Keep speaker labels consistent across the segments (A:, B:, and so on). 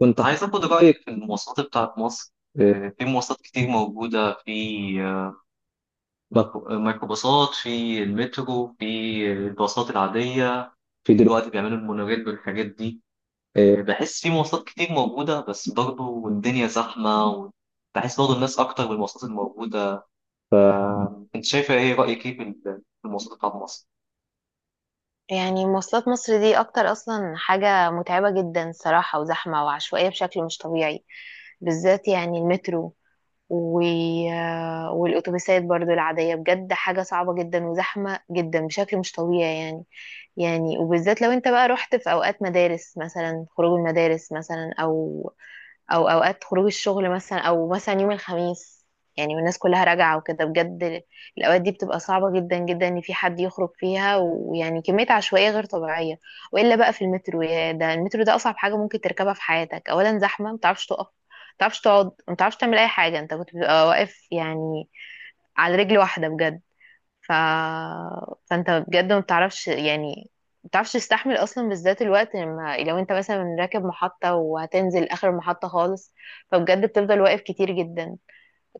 A: كنت عايز اخد رايك في المواصلات بتاعت مصر. في مواصلات كتير موجوده في آه، بق- ميكرو- آه، ميكروباصات، في المترو، في الباصات العاديه، في دلوقتي بيعملوا المونوريل والحاجات دي. بحس في مواصلات كتير موجوده بس برضه الدنيا زحمه، وبحس برضه الناس اكتر بالمواصلات الموجوده. فانت شايفه ايه، رايك ايه في في المواصلات بتاعت مصر؟
B: يعني مواصلات مصر دي اكتر اصلا حاجة متعبة جدا صراحة وزحمة وعشوائية بشكل مش طبيعي، بالذات يعني المترو و... والاتوبيسات برضو العادية بجد حاجة صعبة جدا وزحمة جدا بشكل مش طبيعي يعني وبالذات لو انت بقى رحت في اوقات مدارس مثلا، خروج المدارس مثلا او اوقات خروج الشغل مثلا، او مثلا يوم الخميس يعني والناس كلها راجعة وكده بجد. الأوقات دي بتبقى صعبة جدا جدا إن في حد يخرج فيها، ويعني كمية عشوائية غير طبيعية. وإلا بقى في المترو، يا ده المترو ده أصعب حاجة ممكن تركبها في حياتك. أولا زحمة، متعرفش تقف، متعرفش تقعد، متعرفش تعمل أي حاجة، أنت كنت بتبقى واقف يعني على رجل واحدة بجد. ف... فانت بجد ما بتعرفش يعني، ما بتعرفش تستحمل اصلا، بالذات الوقت لما لو انت مثلا راكب محطة وهتنزل اخر المحطة خالص، فبجد بتفضل واقف كتير جدا،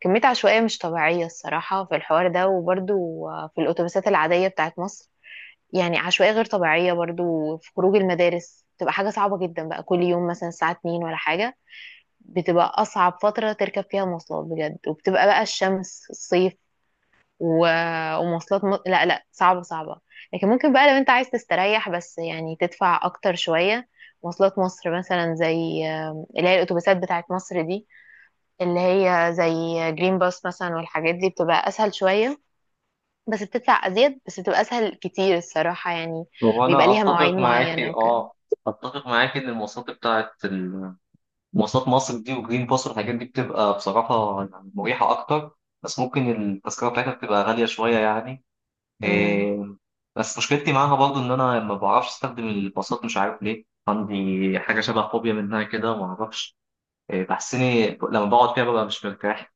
B: كمية عشوائية مش طبيعية الصراحة في الحوار ده. وبرضو في الاتوبيسات العادية بتاعت مصر يعني عشوائية غير طبيعية برضو، في خروج المدارس بتبقى حاجة صعبة جدا بقى، كل يوم مثلا الساعة 2 ولا حاجة بتبقى أصعب فترة تركب فيها مواصلات بجد، وبتبقى بقى الشمس، الصيف ومواصلات لا لا، صعبة صعبة. لكن ممكن بقى لو انت عايز تستريح بس، يعني تدفع اكتر شوية. مواصلات مصر مثلا زي اللي هي الاتوبيسات بتاعت مصر دي، اللي هي زي جرين باس مثلا والحاجات دي، بتبقى اسهل شوية، بس بتدفع ازيد، بس بتبقى اسهل كتير الصراحة يعني. بيبقى
A: وانا
B: ليها مواعيد
A: اتفق
B: معينة
A: معاكي،
B: وكده.
A: اه. اتفق معاكي ان المواصلات بتاعت مواصلات مصر دي وجرين باص والحاجات دي بتبقى بصراحة يعني مريحة أكتر، بس ممكن التذكرة بتاعتها بتبقى غالية شوية يعني.
B: مم.
A: إيه، بس مشكلتي معاها برضو إن أنا ما بعرفش أستخدم الباصات، مش عارف ليه، عندي حاجة شبه فوبيا منها كده ما أعرفش. بحسني لما بقعد فيها ببقى مش مرتاح.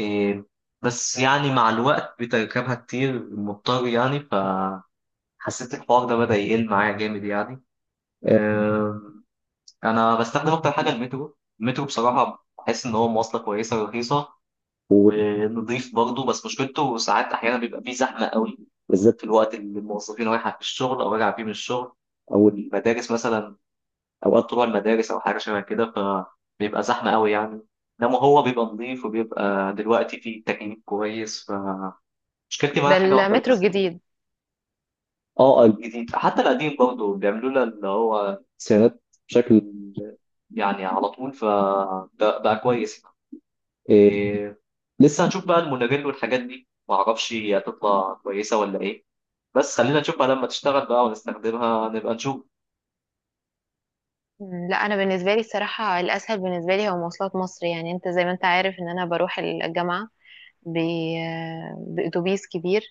A: إيه، بس يعني مع الوقت بتركبها كتير مضطر يعني، فحسيت الحوار ده بدأ يقل معايا جامد يعني. آه، انا بستخدم اكتر حاجه المترو. المترو بصراحه بحس ان هو مواصله كويسه ورخيصه ونضيف برضه، بس مشكلته ساعات احيانا بيبقى فيه زحمه قوي، بالذات في الوقت اللي الموظفين رايحه في الشغل او راجعه فيه من الشغل، او المدارس مثلا، اوقات طلوع المدارس او حاجه شبه كده، فبيبقى زحمه قوي يعني. انما هو بيبقى نظيف وبيبقى دلوقتي فيه تكييف كويس، فمشكلتي معاه
B: ده
A: حاجه واحده
B: المترو
A: بس.
B: الجديد.
A: اه، الجديد. حتى القديم برضه بيعملوا لنا اللي هو سيرات بشكل يعني على طول، فبقى كويس. إيه، لسه هنشوف بقى المونوريل والحاجات دي، معرفش هي هتطلع كويسة ولا ايه، بس خلينا نشوف بقى لما تشتغل بقى ونستخدمها نبقى نشوف.
B: مم. لا انا بالنسبه لي الصراحه، الاسهل بالنسبه لي هو مواصلات مصر. يعني انت زي ما انت عارف ان انا بروح الجامعه بأتوبيس كبير،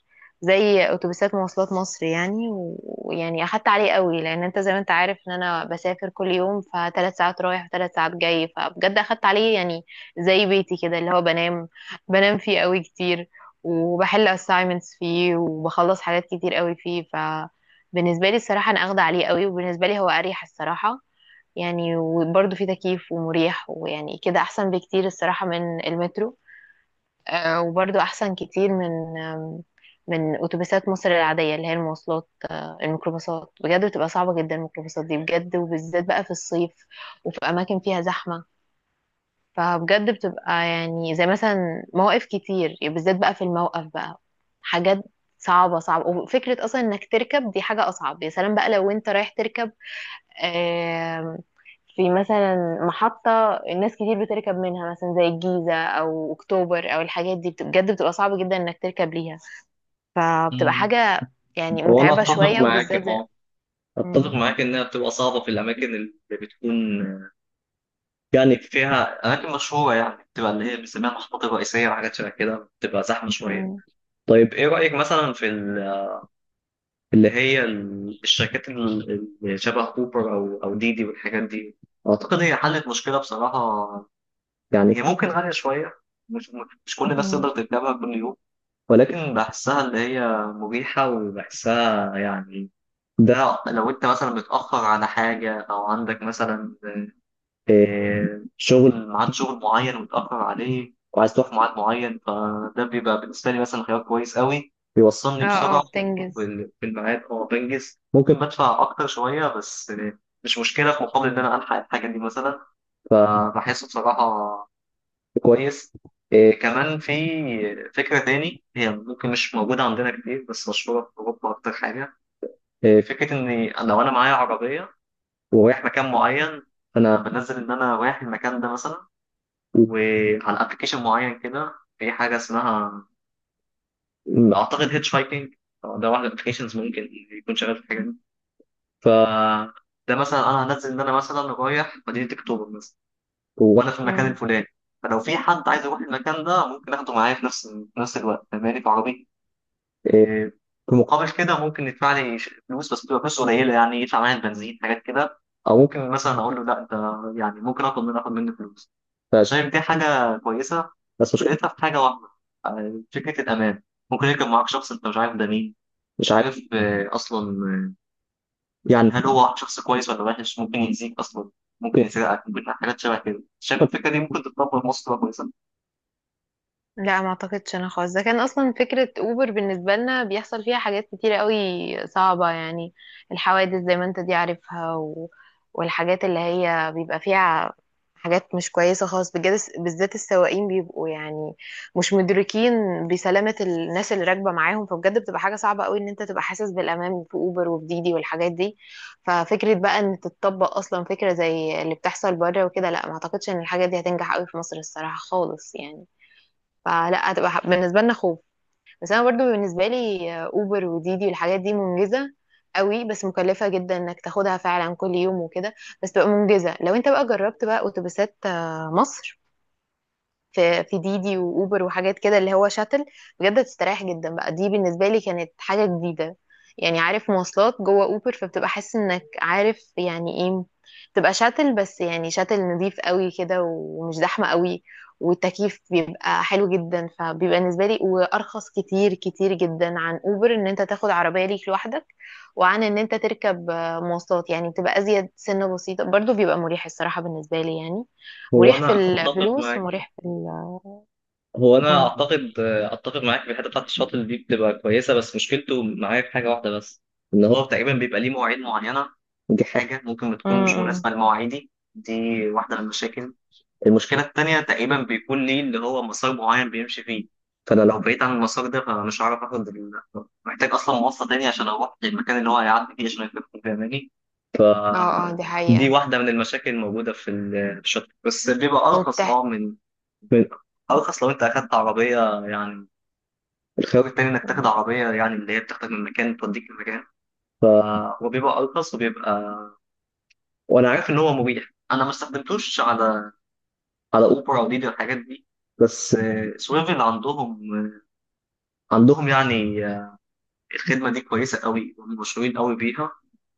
B: زي أتوبيسات مواصلات مصر يعني ويعني أخدت عليه قوي، لأن أنت زي ما أنت عارف إن أنا بسافر كل يوم، فثلاث ساعات رايح وثلاث ساعات جاي، فبجد أخدت عليه يعني. زي بيتي كده، اللي هو بنام، بنام فيه قوي كتير، وبحل assignments فيه، وبخلص حاجات كتير قوي فيه. فبالنسبة لي الصراحة أنا أخدة عليه قوي، وبالنسبة لي هو أريح الصراحة يعني. وبرضه فيه تكييف ومريح، ويعني كده أحسن بكتير الصراحة من المترو. وبرضو أحسن كتير من من أتوبيسات مصر العادية، اللي هي المواصلات الميكروباصات، بجد بتبقى صعبة جدا الميكروباصات دي بجد، وبالذات بقى في الصيف وفي أماكن فيها زحمة. فبجد بتبقى يعني زي مثلا مواقف كتير يعني، بالذات بقى في الموقف بقى حاجات صعبة صعبة، وفكرة أصلا إنك تركب دي حاجة أصعب. يا سلام بقى لو أنت رايح تركب آم، في مثلا محطة الناس كتير بتركب منها، مثلا زي الجيزة أو أكتوبر أو الحاجات دي، بجد بتبقى صعب جدا إنك تركب ليها، فبتبقى
A: مم.
B: حاجة يعني
A: هو انا
B: متعبة
A: اتفق
B: شوية،
A: معاك،
B: وبالذات
A: اه. اتفق
B: مم،
A: معاك انها بتبقى صعبه في الاماكن اللي بتكون يعني فيها اماكن مشهوره، يعني بتبقى اللي هي بنسميها المحطات الرئيسيه وحاجات شبه كده، بتبقى زحمه شويه.
B: مم.
A: طيب ايه رايك مثلا في اللي هي الشركات اللي شبه اوبر او ديدي والحاجات دي؟ اعتقد هي حلت مشكله بصراحه، يعني هي ممكن غاليه شويه، مش مش كل الناس
B: مم.
A: تقدر تركبها كل يوم. ولكن بحسها اللي هي مريحه وبحسها يعني، ده لو انت مثلا متاخر على حاجه او عندك مثلا شغل، ميعاد شغل معين ومتأخر عليه وعايز تروح في ميعاد معين، فده بيبقى بالنسبة لي مثلا خيار كويس قوي بيوصلني
B: اه اه،
A: بسرعة
B: بتنجز.
A: في الميعاد، أو بنجز. ممكن بدفع أكتر شوية بس مش مشكلة في مقابل إن أنا ألحق الحاجة دي مثلا، فبحسه بصراحة كويس. كمان في فكرة تاني، هي ممكن مش موجودة عندنا كتير بس مشهورة في أوروبا أكتر حاجة. فكرة إن أنا لو أنا معايا عربية ورايح مكان معين، فأنا بنزل إن أنا رايح المكان ده مثلا وعلى ابلكيشن معين كده، في حاجه اسمها اعتقد هيتش هايكنج. ده واحد من الابلكيشنز ممكن يكون شغال في الحاجه دي. ف، ده مثلا انا هنزل ان انا مثلا رايح مدينه اكتوبر مثلا، وانا في المكان الفلاني، فلو في حد عايز يروح المكان ده ممكن اخده معايا في نفس الوقت فاهماني، في عربيتي. إيه، في مقابل كده ممكن يدفع لي فلوس، بس بتبقى فلوس قليله يعني، يدفع معايا البنزين حاجات كده. او ممكن مثلا اقول له لا، انت يعني ممكن اخد منه فلوس. شايف دي حاجه كويسه، بس مشكلتها في حاجه واحده، فكره الامان. ممكن يركب معاك شخص انت مش عارف ده مين، مش عارف اصلا يعني هل هو شخص كويس ولا وحش، ممكن يأذيك اصلا، ممكن يسرقك، ممكن حاجات شبه كده. شايف الفكره دي ممكن تتطبق في مصر تبقى كويسه؟
B: لا ما اعتقدش انا خالص، ده كان اصلا فكرة اوبر بالنسبة لنا بيحصل فيها حاجات كتيرة قوي صعبة يعني، الحوادث زي ما انت دي عارفها والحاجات اللي هي بيبقى فيها حاجات مش كويسة خالص بجد، بالذات السواقين بيبقوا يعني مش مدركين بسلامة الناس اللي راكبة معاهم، فبجد بتبقى حاجة صعبة قوي ان انت تبقى حاسس بالامان في اوبر وفي ديدي والحاجات دي. ففكرة بقى ان تتطبق اصلا فكرة زي اللي بتحصل بره وكده، لا ما اعتقدش ان الحاجات دي هتنجح قوي في مصر الصراحة خالص يعني، فلا هتبقى بالنسبه لنا خوف. بس انا برضو بالنسبه لي اوبر وديدي والحاجات دي منجزه قوي، بس مكلفه جدا انك تاخدها فعلا كل يوم وكده. بس تبقى منجزه لو انت بقى جربت بقى اتوبيسات مصر، في ديدي واوبر وحاجات كده اللي هو شاتل، بجد بتستريح جدا بقى. دي بالنسبه لي كانت حاجه جديده يعني، عارف مواصلات جوه اوبر، فبتبقى حاسس انك عارف يعني ايه، تبقى شاتل، بس يعني شاتل نظيف قوي كده ومش زحمه قوي، والتكييف بيبقى حلو جدا. فبيبقى بالنسبه لي وارخص كتير كتير جدا عن اوبر ان انت تاخد عربيه ليك لوحدك، وعن ان انت تركب مواصلات، يعني بتبقى ازيد سنه بسيطه، برضو بيبقى مريح الصراحه بالنسبه لي يعني،
A: هو
B: مريح في
A: انا اتفق
B: الفلوس،
A: معاك.
B: ومريح في ال
A: هو انا
B: مم.
A: اعتقد اتفق معاك في الحته بتاعت الشاطئ دي بتبقى كويسه، بس مشكلته معايا في حاجه واحده بس، ان هو تقريبا بيبقى ليه مواعيد معينه، دي حاجه ممكن
B: مم.
A: بتكون مش
B: مم.
A: مناسبه لمواعيدي دي، واحده من المشاكل. المشكله التانيه تقريبا بيكون ليه اللي هو مسار معين بيمشي فيه، فانا لو بعيد عن المسار ده فمش هعرف اخد محتاج اصلا مواصله تانية عشان اروح للمكان اللي هو هيعدي فيه عشان يكون فاهماني.
B: اه اه، دي
A: دي
B: حقيقة.
A: واحده من المشاكل الموجوده في في الشاطئ، بس بيبقى ارخص اه
B: وبتحت.
A: من- ارخص لو انت اخدت عربيه يعني، الخيار التاني انك تاخد عربيه يعني اللي هي بتاخدك من مكان توديك لمكان. ف، هو بيبقى ارخص وبيبقى، وانا عارف ان هو مريح، انا ما استخدمتوش على اوبر او ديدي والحاجات دي. بس سويفل عندهم يعني الخدمه دي كويسه قوي، هم مشهورين قوي بيها.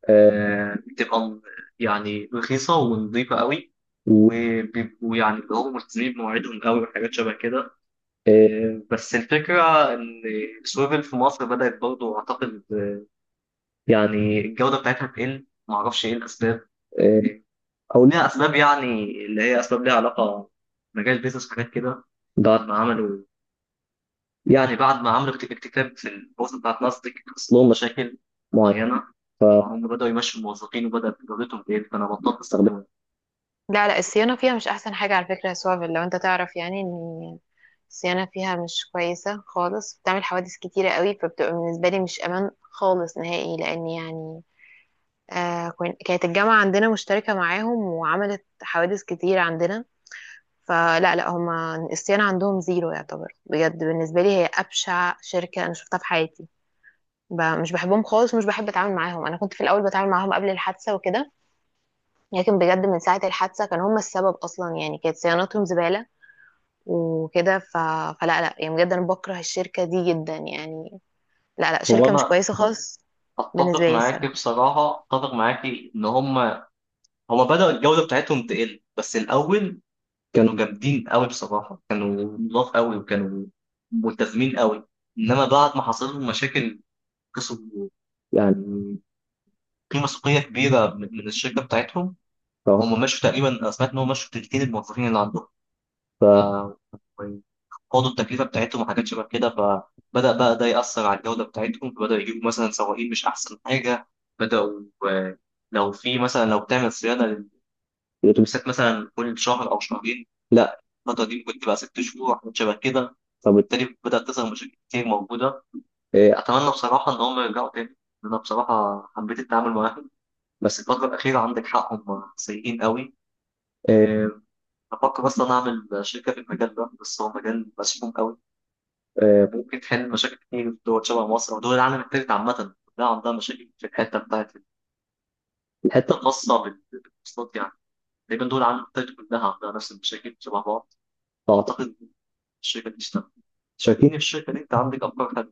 A: آه، بتبقى م- يعني رخيصه ونظيفه قوي، وبيبقوا يعني اللي هم ملتزمين بمواعيدهم قوي وحاجات شبه كده. بس الفكره ان سويفل في مصر بدات برضه اعتقد يعني الجودة بتاعتها بتقل، معرفش ايه الأسباب. آه، أو ليها أسباب يعني اللي هي أسباب ليها علاقة مجال بيزنس وحاجات كده. بعد ما عملوا بعد ما عملوا اكتتاب في البورصة بتاعت ناسداك، حصل لهم مشاكل معينة، فهم بدأوا يمشوا الموظفين وبدأت جودتهم تقل، فأنا بطلت استخدمها.
B: لا لا، الصيانة فيها مش أحسن حاجة على فكرة يا سوافل، لو أنت تعرف يعني إن الصيانة فيها مش كويسة خالص، بتعمل حوادث كتيرة قوي، فبتبقى بالنسبة لي مش أمان خالص نهائي، لأن يعني كانت الجامعة عندنا مشتركة معاهم، وعملت حوادث كتير عندنا. فلا لا، هما الصيانة عندهم زيرو يعتبر، بجد بالنسبة لي هي أبشع شركة أنا شفتها في حياتي. مش بحبهم خالص، ومش بحب اتعامل معاهم، انا كنت في الاول بتعامل معاهم قبل الحادثه وكده، لكن بجد من ساعه الحادثه كانوا هم السبب اصلا يعني، كانت صيانتهم زباله وكده. فلا لا يعني بجد انا بكره الشركه دي جدا يعني، لا لا
A: هو
B: شركه مش
A: أنا
B: كويسه خالص بالنسبه
A: أتفق
B: لي
A: معاك
B: الصراحه
A: بصراحة، أتفق معاك إن هم هم بدأوا الجودة بتاعتهم تقل. بس الأول كانوا جامدين قوي بصراحه، كانوا نضاف قوي وكانوا ملتزمين قوي. انما بعد ما حصل لهم مشاكل كسبوا يعني قيمه سوقيه كبيره من الشركه بتاعتهم. اه هم مشوا تقريبا، انا سمعت ان هم مشوا تلتين الموظفين اللي عندهم. ف، خدوا التكلفه بتاعتهم وحاجات شبه كده، فبدا بقى ده ياثر على الجوده بتاعتهم، فبداوا يجيبوا مثلا سواقين مش احسن حاجه، بداوا آه، لو في مثلا لو بتعمل صيانه الاتوبيسات مثلا كل شهر او شهرين، لا، الفتره دي ممكن تبقى 6 شهور حاجات شبه كده، فبالتالي بدات تظهر مشاكل كتير موجوده. اتمنى بصراحه ان هم يرجعوا تاني، انا بصراحه حبيت التعامل معاهم، بس الفتره الاخيره عندك حق هم سيئين قوي. إيه، بفكر اصلا اعمل شركه في المجال ده، بس هو مجال مسموم قوي. ممكن تحل مشاكل كتير في دول شبه مصر، ودول العالم التالت عامه كلها عندها مشاكل في الحته بتاعت بالمواصلات يعني، تقريبا دول العالم التالت كلها عندها نفس المشاكل شبه بعض. أعتقد الشركة دي اشتغل، شاركيني في الشركة دي، أنت عندك أفكار.